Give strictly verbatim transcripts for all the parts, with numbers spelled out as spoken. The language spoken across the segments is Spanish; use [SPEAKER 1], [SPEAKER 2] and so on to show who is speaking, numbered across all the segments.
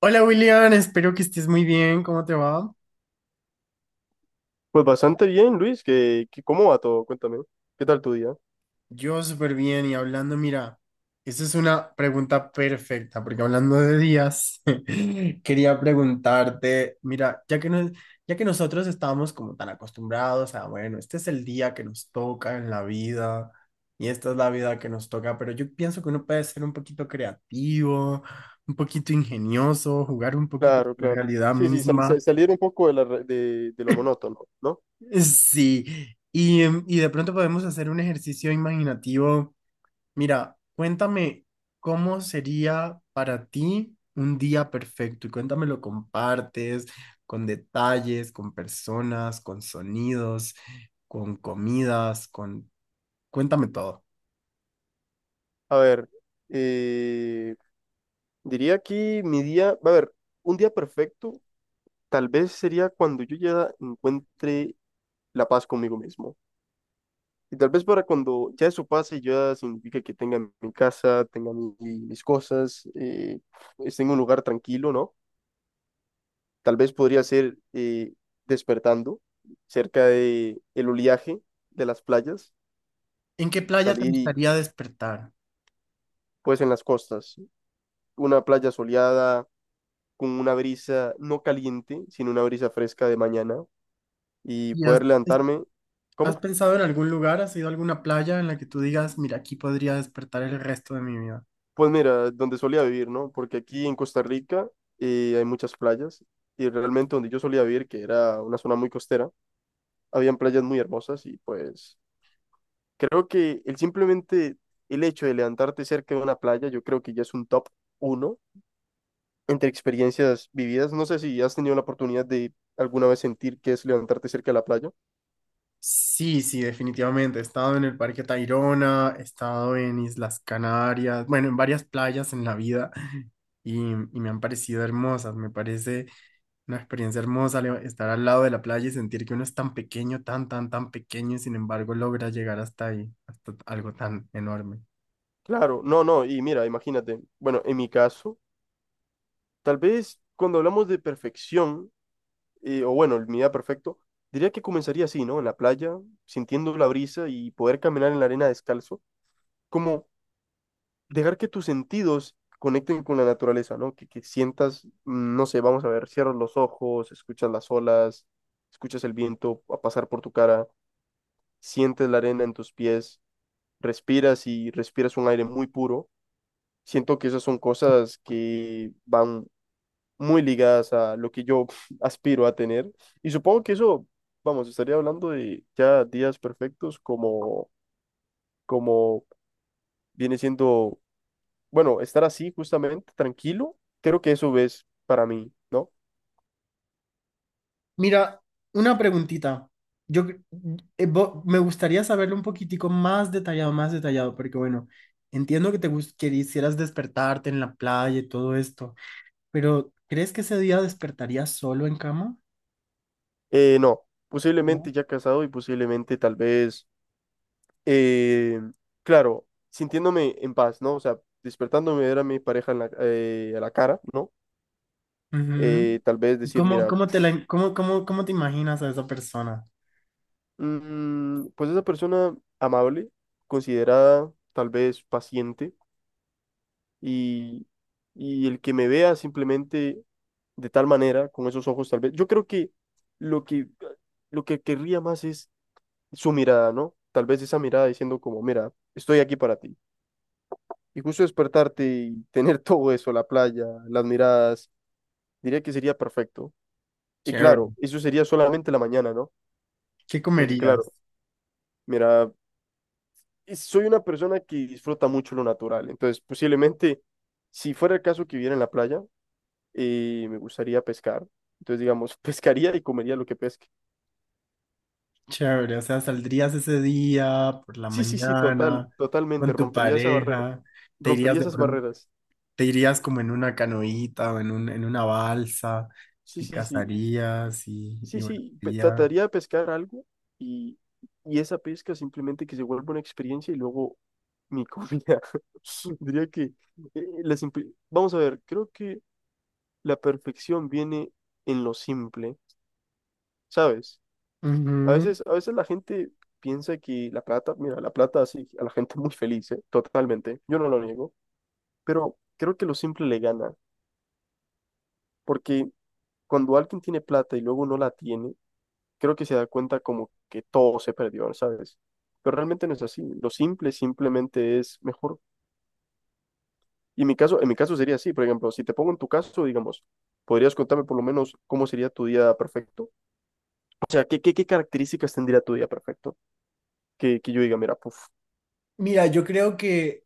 [SPEAKER 1] Hola William, espero que estés muy bien. ¿Cómo te va?
[SPEAKER 2] Pues bastante bien, Luis, que, que- ¿cómo va todo? Cuéntame, ¿qué tal tu día?
[SPEAKER 1] Yo súper bien y hablando, mira, esa es una pregunta perfecta porque hablando de días, quería preguntarte, mira, ya que, nos- ya que nosotros estábamos como tan acostumbrados a, bueno, este es el día que nos toca en la vida y esta es la vida que nos toca, pero yo pienso que uno puede ser un poquito creativo, un poquito ingenioso, jugar un poquito con
[SPEAKER 2] Claro,
[SPEAKER 1] la
[SPEAKER 2] claro.
[SPEAKER 1] realidad
[SPEAKER 2] Sí, sí, sal- sal-
[SPEAKER 1] misma.
[SPEAKER 2] salir un poco de, la re- de, de lo monótono, ¿no?
[SPEAKER 1] Sí, y, em, y de pronto podemos hacer un ejercicio imaginativo. Mira, cuéntame cómo sería para ti un día perfecto y cuéntame lo compartes con detalles, con personas, con sonidos, con comidas, con... Cuéntame todo.
[SPEAKER 2] A ver, eh, diría que mi día, a ver, un día perfecto tal vez sería cuando yo ya encuentre la paz conmigo mismo. Y tal vez para cuando ya eso pase, ya significa que tenga mi casa, tenga mi- mis cosas, eh, esté en un lugar tranquilo, ¿no? Tal vez podría ser eh, despertando cerca de el oleaje de las playas,
[SPEAKER 1] ¿En qué playa te
[SPEAKER 2] salir y
[SPEAKER 1] gustaría despertar?
[SPEAKER 2] pues en las costas, una playa soleada con una brisa no caliente, sino una brisa fresca de mañana y
[SPEAKER 1] ¿Y has,
[SPEAKER 2] poder
[SPEAKER 1] es-
[SPEAKER 2] levantarme.
[SPEAKER 1] ¿Has
[SPEAKER 2] ¿Cómo?
[SPEAKER 1] pensado en algún lugar? ¿Has ido a alguna playa en la que tú digas, mira, aquí podría despertar el resto de mi vida?
[SPEAKER 2] Pues mira, donde solía vivir, ¿no? Porque aquí en Costa Rica eh, hay muchas playas y realmente donde yo solía vivir, que era una zona muy costera, habían playas muy hermosas y pues creo que el simplemente el hecho de levantarte cerca de una playa, yo creo que ya es un top uno entre experiencias vividas. No sé si has tenido la oportunidad de alguna vez sentir qué es levantarte cerca de la playa.
[SPEAKER 1] Sí, sí, definitivamente. He estado en el Parque Tayrona, he estado en Islas Canarias, bueno, en varias playas en la vida y, y me han parecido hermosas. Me parece una experiencia hermosa le- estar al lado de la playa y sentir que uno es tan pequeño, tan, tan, tan pequeño y sin embargo logra llegar hasta ahí, hasta algo tan enorme.
[SPEAKER 2] Claro, no, no, y mira, imagínate, bueno, en mi caso, tal vez cuando hablamos de perfección, eh, o bueno, el mi día perfecto, diría que comenzaría así, ¿no? En la playa, sintiendo la brisa y poder caminar en la arena descalzo, como dejar que tus sentidos conecten con la naturaleza, ¿no? Que, que sientas, mm, no sé, vamos a ver, cierras los ojos, escuchas las olas, escuchas el viento a pasar por tu cara, sientes la arena en tus pies, respiras y respiras un aire muy puro. Siento que esas son cosas que van muy ligadas a lo que yo aspiro a tener. Y supongo que eso, vamos, estaría hablando de ya días perfectos como, como viene siendo bueno, estar así justamente, tranquilo, creo que eso es para mí, ¿no?
[SPEAKER 1] Mira, una preguntita. Yo cre- eh, vo- me gustaría saberlo un poquitico más detallado, más detallado, porque bueno, entiendo que te gus- que quisieras despertarte en la playa y todo esto. Pero, ¿crees que ese día despertarías solo en cama?
[SPEAKER 2] Eh, no,
[SPEAKER 1] ¿No?
[SPEAKER 2] posiblemente ya casado y posiblemente tal vez, eh, claro, sintiéndome en paz, ¿no? O sea, despertándome ver a mi pareja en la, eh, a la cara, ¿no?
[SPEAKER 1] Ujú.
[SPEAKER 2] Eh, tal vez decir,
[SPEAKER 1] ¿Cómo,
[SPEAKER 2] mira,
[SPEAKER 1] cómo te la, cómo, cómo, cómo te imaginas a esa persona?
[SPEAKER 2] mm, pues esa persona amable, considerada, tal vez paciente, y, y el que me vea simplemente de tal manera, con esos ojos tal vez. Yo creo que lo que, lo que querría más es su mirada, ¿no? Tal vez esa mirada diciendo como, mira, estoy aquí para ti. Y justo despertarte y tener todo eso, la playa, las miradas, diría que sería perfecto. Y
[SPEAKER 1] Chévere.
[SPEAKER 2] claro, eso sería solamente la mañana, ¿no?
[SPEAKER 1] ¿Qué
[SPEAKER 2] Porque
[SPEAKER 1] comerías?
[SPEAKER 2] claro, mira, es- soy una persona que disfruta mucho lo natural. Entonces, posiblemente, si fuera el caso que viviera en la playa, y me gustaría pescar. Entonces, digamos, pescaría y comería lo que pesque.
[SPEAKER 1] Chévere. O sea, saldrías ese día por la
[SPEAKER 2] Sí, sí, sí, total,
[SPEAKER 1] mañana
[SPEAKER 2] totalmente,
[SPEAKER 1] con tu
[SPEAKER 2] rompería esa barrera,
[SPEAKER 1] pareja, te irías
[SPEAKER 2] rompería
[SPEAKER 1] de
[SPEAKER 2] esas
[SPEAKER 1] pronto,
[SPEAKER 2] barreras.
[SPEAKER 1] te irías como en una canoita o en un, en una balsa
[SPEAKER 2] Sí,
[SPEAKER 1] y
[SPEAKER 2] sí, sí,
[SPEAKER 1] cazarías y, y
[SPEAKER 2] sí,
[SPEAKER 1] bueno,
[SPEAKER 2] sí, pe-
[SPEAKER 1] ya.
[SPEAKER 2] trataría de pescar algo y, y esa pesca simplemente que se vuelva una experiencia y luego mi comida. Diría que eh, la simple- vamos a ver, creo que la perfección viene en lo simple, ¿sabes? A
[SPEAKER 1] Ujú.
[SPEAKER 2] veces, a veces la gente piensa que la plata, mira, la plata hace a la gente muy feliz, ¿eh? Totalmente, yo no lo niego, pero creo que lo simple le gana, porque cuando alguien tiene plata y luego no la tiene, creo que se da cuenta como que todo se perdió, ¿sabes? Pero realmente no es así, lo simple simplemente es mejor. Y en mi caso, en mi caso sería así, por ejemplo, si te pongo en tu caso, digamos, ¿podrías contarme por lo menos cómo sería tu día perfecto? O sea, ¿qué, qué, qué características tendría tu día perfecto? Que, que yo diga, mira, puf.
[SPEAKER 1] Mira, yo creo que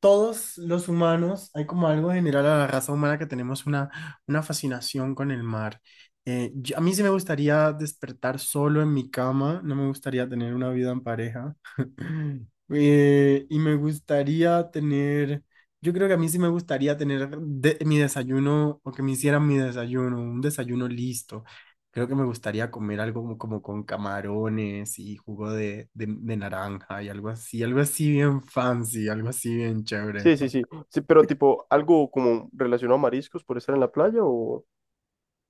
[SPEAKER 1] todos los humanos, hay como algo general a la raza humana que tenemos una, una fascinación con el mar. Eh, yo- a mí sí me gustaría despertar solo en mi cama, no me gustaría tener una vida en pareja. Eh, y me gustaría tener, yo creo que a mí sí me gustaría tener de- mi desayuno o que me hicieran mi desayuno, un desayuno listo. Creo que me gustaría comer algo como, como con camarones y jugo de, de, de naranja y algo así, algo así bien fancy, algo así bien chévere.
[SPEAKER 2] Sí, sí, sí. Sí, pero tipo, algo como relacionado a mariscos por estar en la playa o...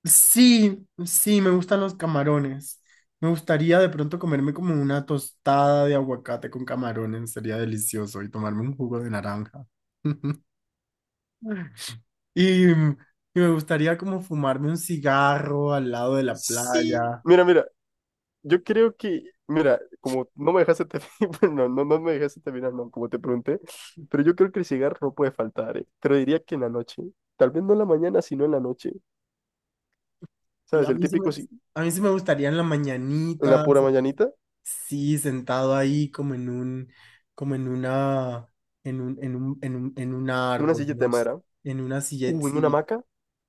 [SPEAKER 1] Sí, sí, me gustan los camarones. Me gustaría de pronto comerme como una tostada de aguacate con camarones, sería delicioso, y tomarme un jugo de naranja. Y, mm, y me gustaría como fumarme un cigarro al lado de la
[SPEAKER 2] Sí.
[SPEAKER 1] playa.
[SPEAKER 2] Mira, mira, yo creo que, mira, como no me dejaste terminar, bueno, no, no me dejaste terminar, no, como te pregunté, pero yo creo que el cigarro no puede faltar, eh. Pero diría que en la noche, tal vez no en la mañana, sino en la noche, ¿sabes?
[SPEAKER 1] A
[SPEAKER 2] El
[SPEAKER 1] mí sí me,
[SPEAKER 2] típico, si-
[SPEAKER 1] a mí sí me gustaría en la
[SPEAKER 2] en la
[SPEAKER 1] mañanita.
[SPEAKER 2] pura mañanita,
[SPEAKER 1] Sí, sentado ahí como en un, como en una, en un, en un, en un, en un
[SPEAKER 2] en una
[SPEAKER 1] árbol,
[SPEAKER 2] silleta
[SPEAKER 1] ¿no?
[SPEAKER 2] de madera,
[SPEAKER 1] En una silleta,
[SPEAKER 2] uh, en una
[SPEAKER 1] sí,
[SPEAKER 2] hamaca,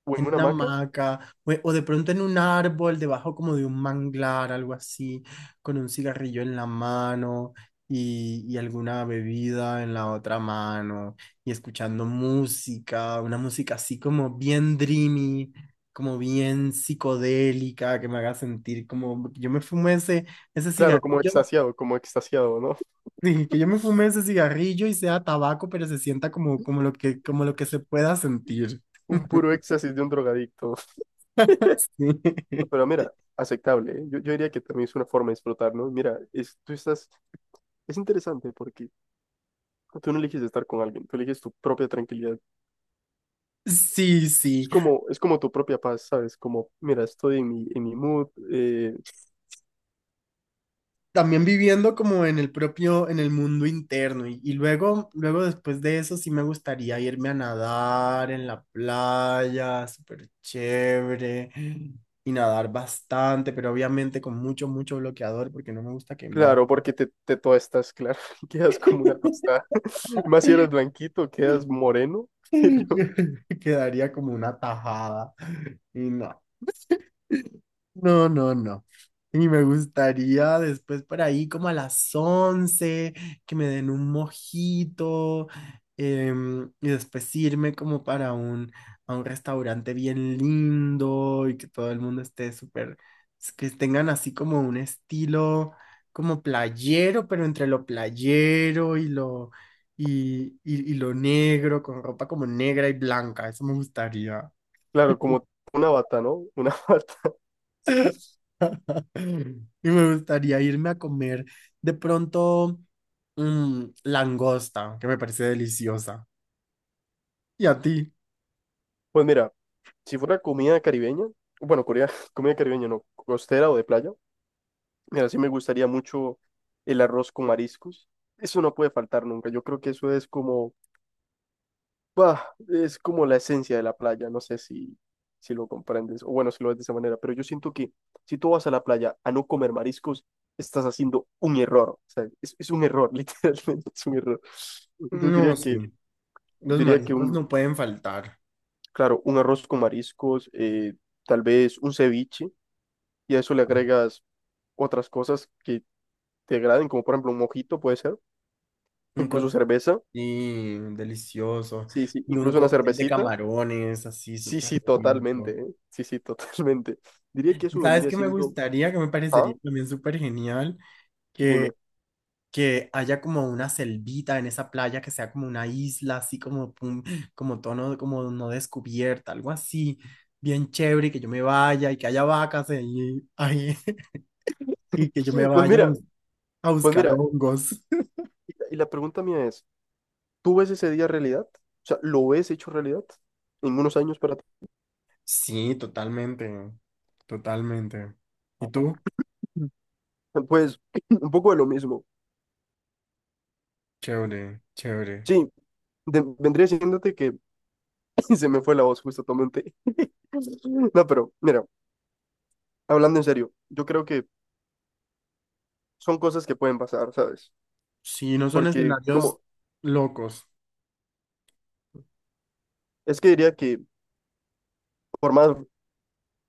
[SPEAKER 2] o en
[SPEAKER 1] en
[SPEAKER 2] una
[SPEAKER 1] una
[SPEAKER 2] hamaca,
[SPEAKER 1] hamaca, o, o de pronto en un árbol, debajo como de un manglar, algo así, con un cigarrillo en la mano y, y alguna bebida en la otra mano, y escuchando música, una música así como bien dreamy, como bien psicodélica, que me haga sentir como, yo me fumé ese... Ese
[SPEAKER 2] claro, como
[SPEAKER 1] cigarrillo.
[SPEAKER 2] extasiado, como extasiado, ¿no?
[SPEAKER 1] Sí, que yo me fume ese cigarrillo y sea tabaco, pero se sienta como, como lo que, como lo que se pueda sentir.
[SPEAKER 2] Un puro éxtasis de un drogadicto. Pero mira, aceptable, ¿eh? Yo, yo diría que también es una forma de explotar, ¿no? Mira, es, tú estás, es interesante porque tú no eliges estar con alguien, tú eliges tu propia tranquilidad.
[SPEAKER 1] Sí,
[SPEAKER 2] Es
[SPEAKER 1] sí.
[SPEAKER 2] como, es como tu propia paz, ¿sabes? Como, mira, estoy en mi, en mi mood, eh,
[SPEAKER 1] También viviendo como en el propio, en el mundo interno. Y, y luego, luego después de eso sí me gustaría irme a nadar en la playa, súper chévere. Y nadar bastante, pero obviamente con mucho, mucho bloqueador porque no me gusta quemar.
[SPEAKER 2] claro, porque te, te toastas, claro, quedas como una tostada. Más si eres blanquito, quedas moreno,
[SPEAKER 1] Quedaría como una tajada. Y no. No, no, no. Y me gustaría después por ahí como a las once que me den un mojito, em, y después irme como para un, a un restaurante bien lindo y que todo el mundo esté súper, s- que tengan así como un estilo como playero, pero entre lo playero y lo, y, y, y lo negro, con ropa como negra y blanca. Eso me gustaría.
[SPEAKER 2] claro, como una bata, ¿no? Una bata.
[SPEAKER 1] Y me gustaría irme a comer de pronto mm, langosta, que me parece deliciosa. ¿Y a ti?
[SPEAKER 2] Pues mira, si fuera comida caribeña, bueno, Corea, comida caribeña no, costera o de playa. Mira, sí me gustaría mucho el arroz con mariscos. Eso no puede faltar nunca. Yo creo que eso es como, bah, es como la esencia de la playa. No sé si, si lo comprendes o bueno, si lo ves de esa manera, pero yo siento que si tú vas a la playa a no comer mariscos, estás haciendo un error. O sea, es, es un error, literalmente es un error. Entonces
[SPEAKER 1] No,
[SPEAKER 2] diría que,
[SPEAKER 1] sí. Los
[SPEAKER 2] diría que
[SPEAKER 1] mariscos
[SPEAKER 2] un,
[SPEAKER 1] no pueden faltar.
[SPEAKER 2] claro, un arroz con mariscos, eh, tal vez un ceviche, y a eso le agregas otras cosas que te agraden, como por ejemplo un mojito, puede ser.
[SPEAKER 1] Un
[SPEAKER 2] Incluso
[SPEAKER 1] cóctel,
[SPEAKER 2] cerveza.
[SPEAKER 1] sí, delicioso.
[SPEAKER 2] Sí, sí.
[SPEAKER 1] Y un
[SPEAKER 2] Incluso una
[SPEAKER 1] cóctel de
[SPEAKER 2] cervecita.
[SPEAKER 1] camarones, así
[SPEAKER 2] Sí,
[SPEAKER 1] súper
[SPEAKER 2] sí, totalmente.
[SPEAKER 1] rico.
[SPEAKER 2] ¿Eh? Sí, sí, totalmente. Diría que
[SPEAKER 1] ¿Y
[SPEAKER 2] eso
[SPEAKER 1] sabes
[SPEAKER 2] vendría
[SPEAKER 1] qué me
[SPEAKER 2] siendo...
[SPEAKER 1] gustaría? Que me parecería
[SPEAKER 2] Ah,
[SPEAKER 1] también súper genial. Que
[SPEAKER 2] dime.
[SPEAKER 1] que haya como una selvita en esa playa, que sea como una isla, así como, pum, como tono, como no descubierta, algo así, bien chévere, y que yo me vaya y que haya vacas ahí, ahí, y que yo me
[SPEAKER 2] Pues
[SPEAKER 1] vaya a,
[SPEAKER 2] mira,
[SPEAKER 1] bus- a
[SPEAKER 2] pues
[SPEAKER 1] buscar
[SPEAKER 2] mira.
[SPEAKER 1] hongos.
[SPEAKER 2] Y y la pregunta mía es, ¿tú ves ese día realidad? O sea, ¿lo ves hecho realidad en unos años para ti?
[SPEAKER 1] Sí, totalmente, totalmente. ¿Y tú?
[SPEAKER 2] Mm. Pues un poco de lo mismo.
[SPEAKER 1] Chévere, chévere.
[SPEAKER 2] Sí, de- vendría diciéndote que se me fue la voz justo, tomé un té. No, pero mira, hablando en serio, yo creo que son cosas que pueden pasar, ¿sabes?
[SPEAKER 1] Sí, no son
[SPEAKER 2] Porque
[SPEAKER 1] escenarios
[SPEAKER 2] como,
[SPEAKER 1] locos.
[SPEAKER 2] es que diría que por más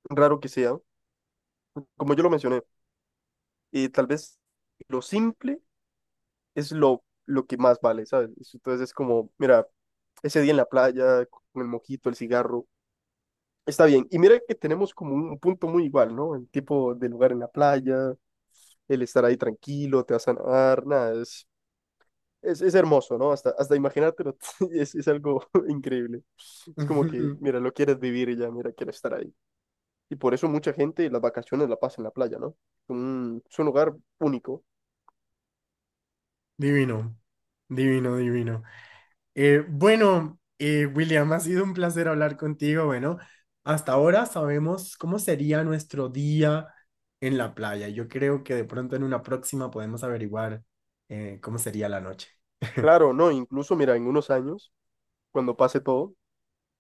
[SPEAKER 2] raro que sea, como yo lo mencioné, eh, tal vez lo simple es lo, lo que más vale, ¿sabes? Entonces es como, mira, ese día en la playa, con el mojito, el cigarro, está bien. Y mira que tenemos como un punto muy igual, ¿no? El tipo de lugar en la playa, el estar ahí tranquilo, te vas a nadar, nada, es, es, es hermoso, ¿no? Hasta, hasta imaginártelo es, es algo increíble. Es como que, mira, lo quieres vivir y ya, mira, quieres estar ahí. Y por eso mucha gente las vacaciones la pasa en la playa, ¿no? un- es un lugar único.
[SPEAKER 1] Divino, divino, divino. Eh, bueno, eh, William, ha sido un placer hablar contigo. Bueno, hasta ahora sabemos cómo sería nuestro día en la playa. Yo creo que de pronto en una próxima podemos averiguar eh, cómo sería la noche.
[SPEAKER 2] Claro, no, incluso mira, en unos años, cuando pase todo,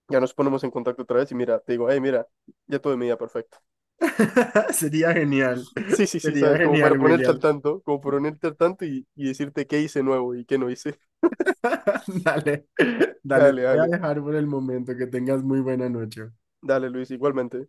[SPEAKER 2] ya nos ponemos en contacto otra vez y mira, te digo, hey, mira, ya todo de medida perfecto.
[SPEAKER 1] Sería genial,
[SPEAKER 2] Sí, sí, sí,
[SPEAKER 1] sería
[SPEAKER 2] sabes, como para
[SPEAKER 1] genial,
[SPEAKER 2] ponerte al
[SPEAKER 1] William.
[SPEAKER 2] tanto, como para ponerte al tanto y, y decirte qué hice nuevo y qué no hice.
[SPEAKER 1] Dale, dale, te
[SPEAKER 2] Dale,
[SPEAKER 1] voy a
[SPEAKER 2] dale,
[SPEAKER 1] dejar por el momento. Que tengas muy buena noche.
[SPEAKER 2] dale, Luis, igualmente.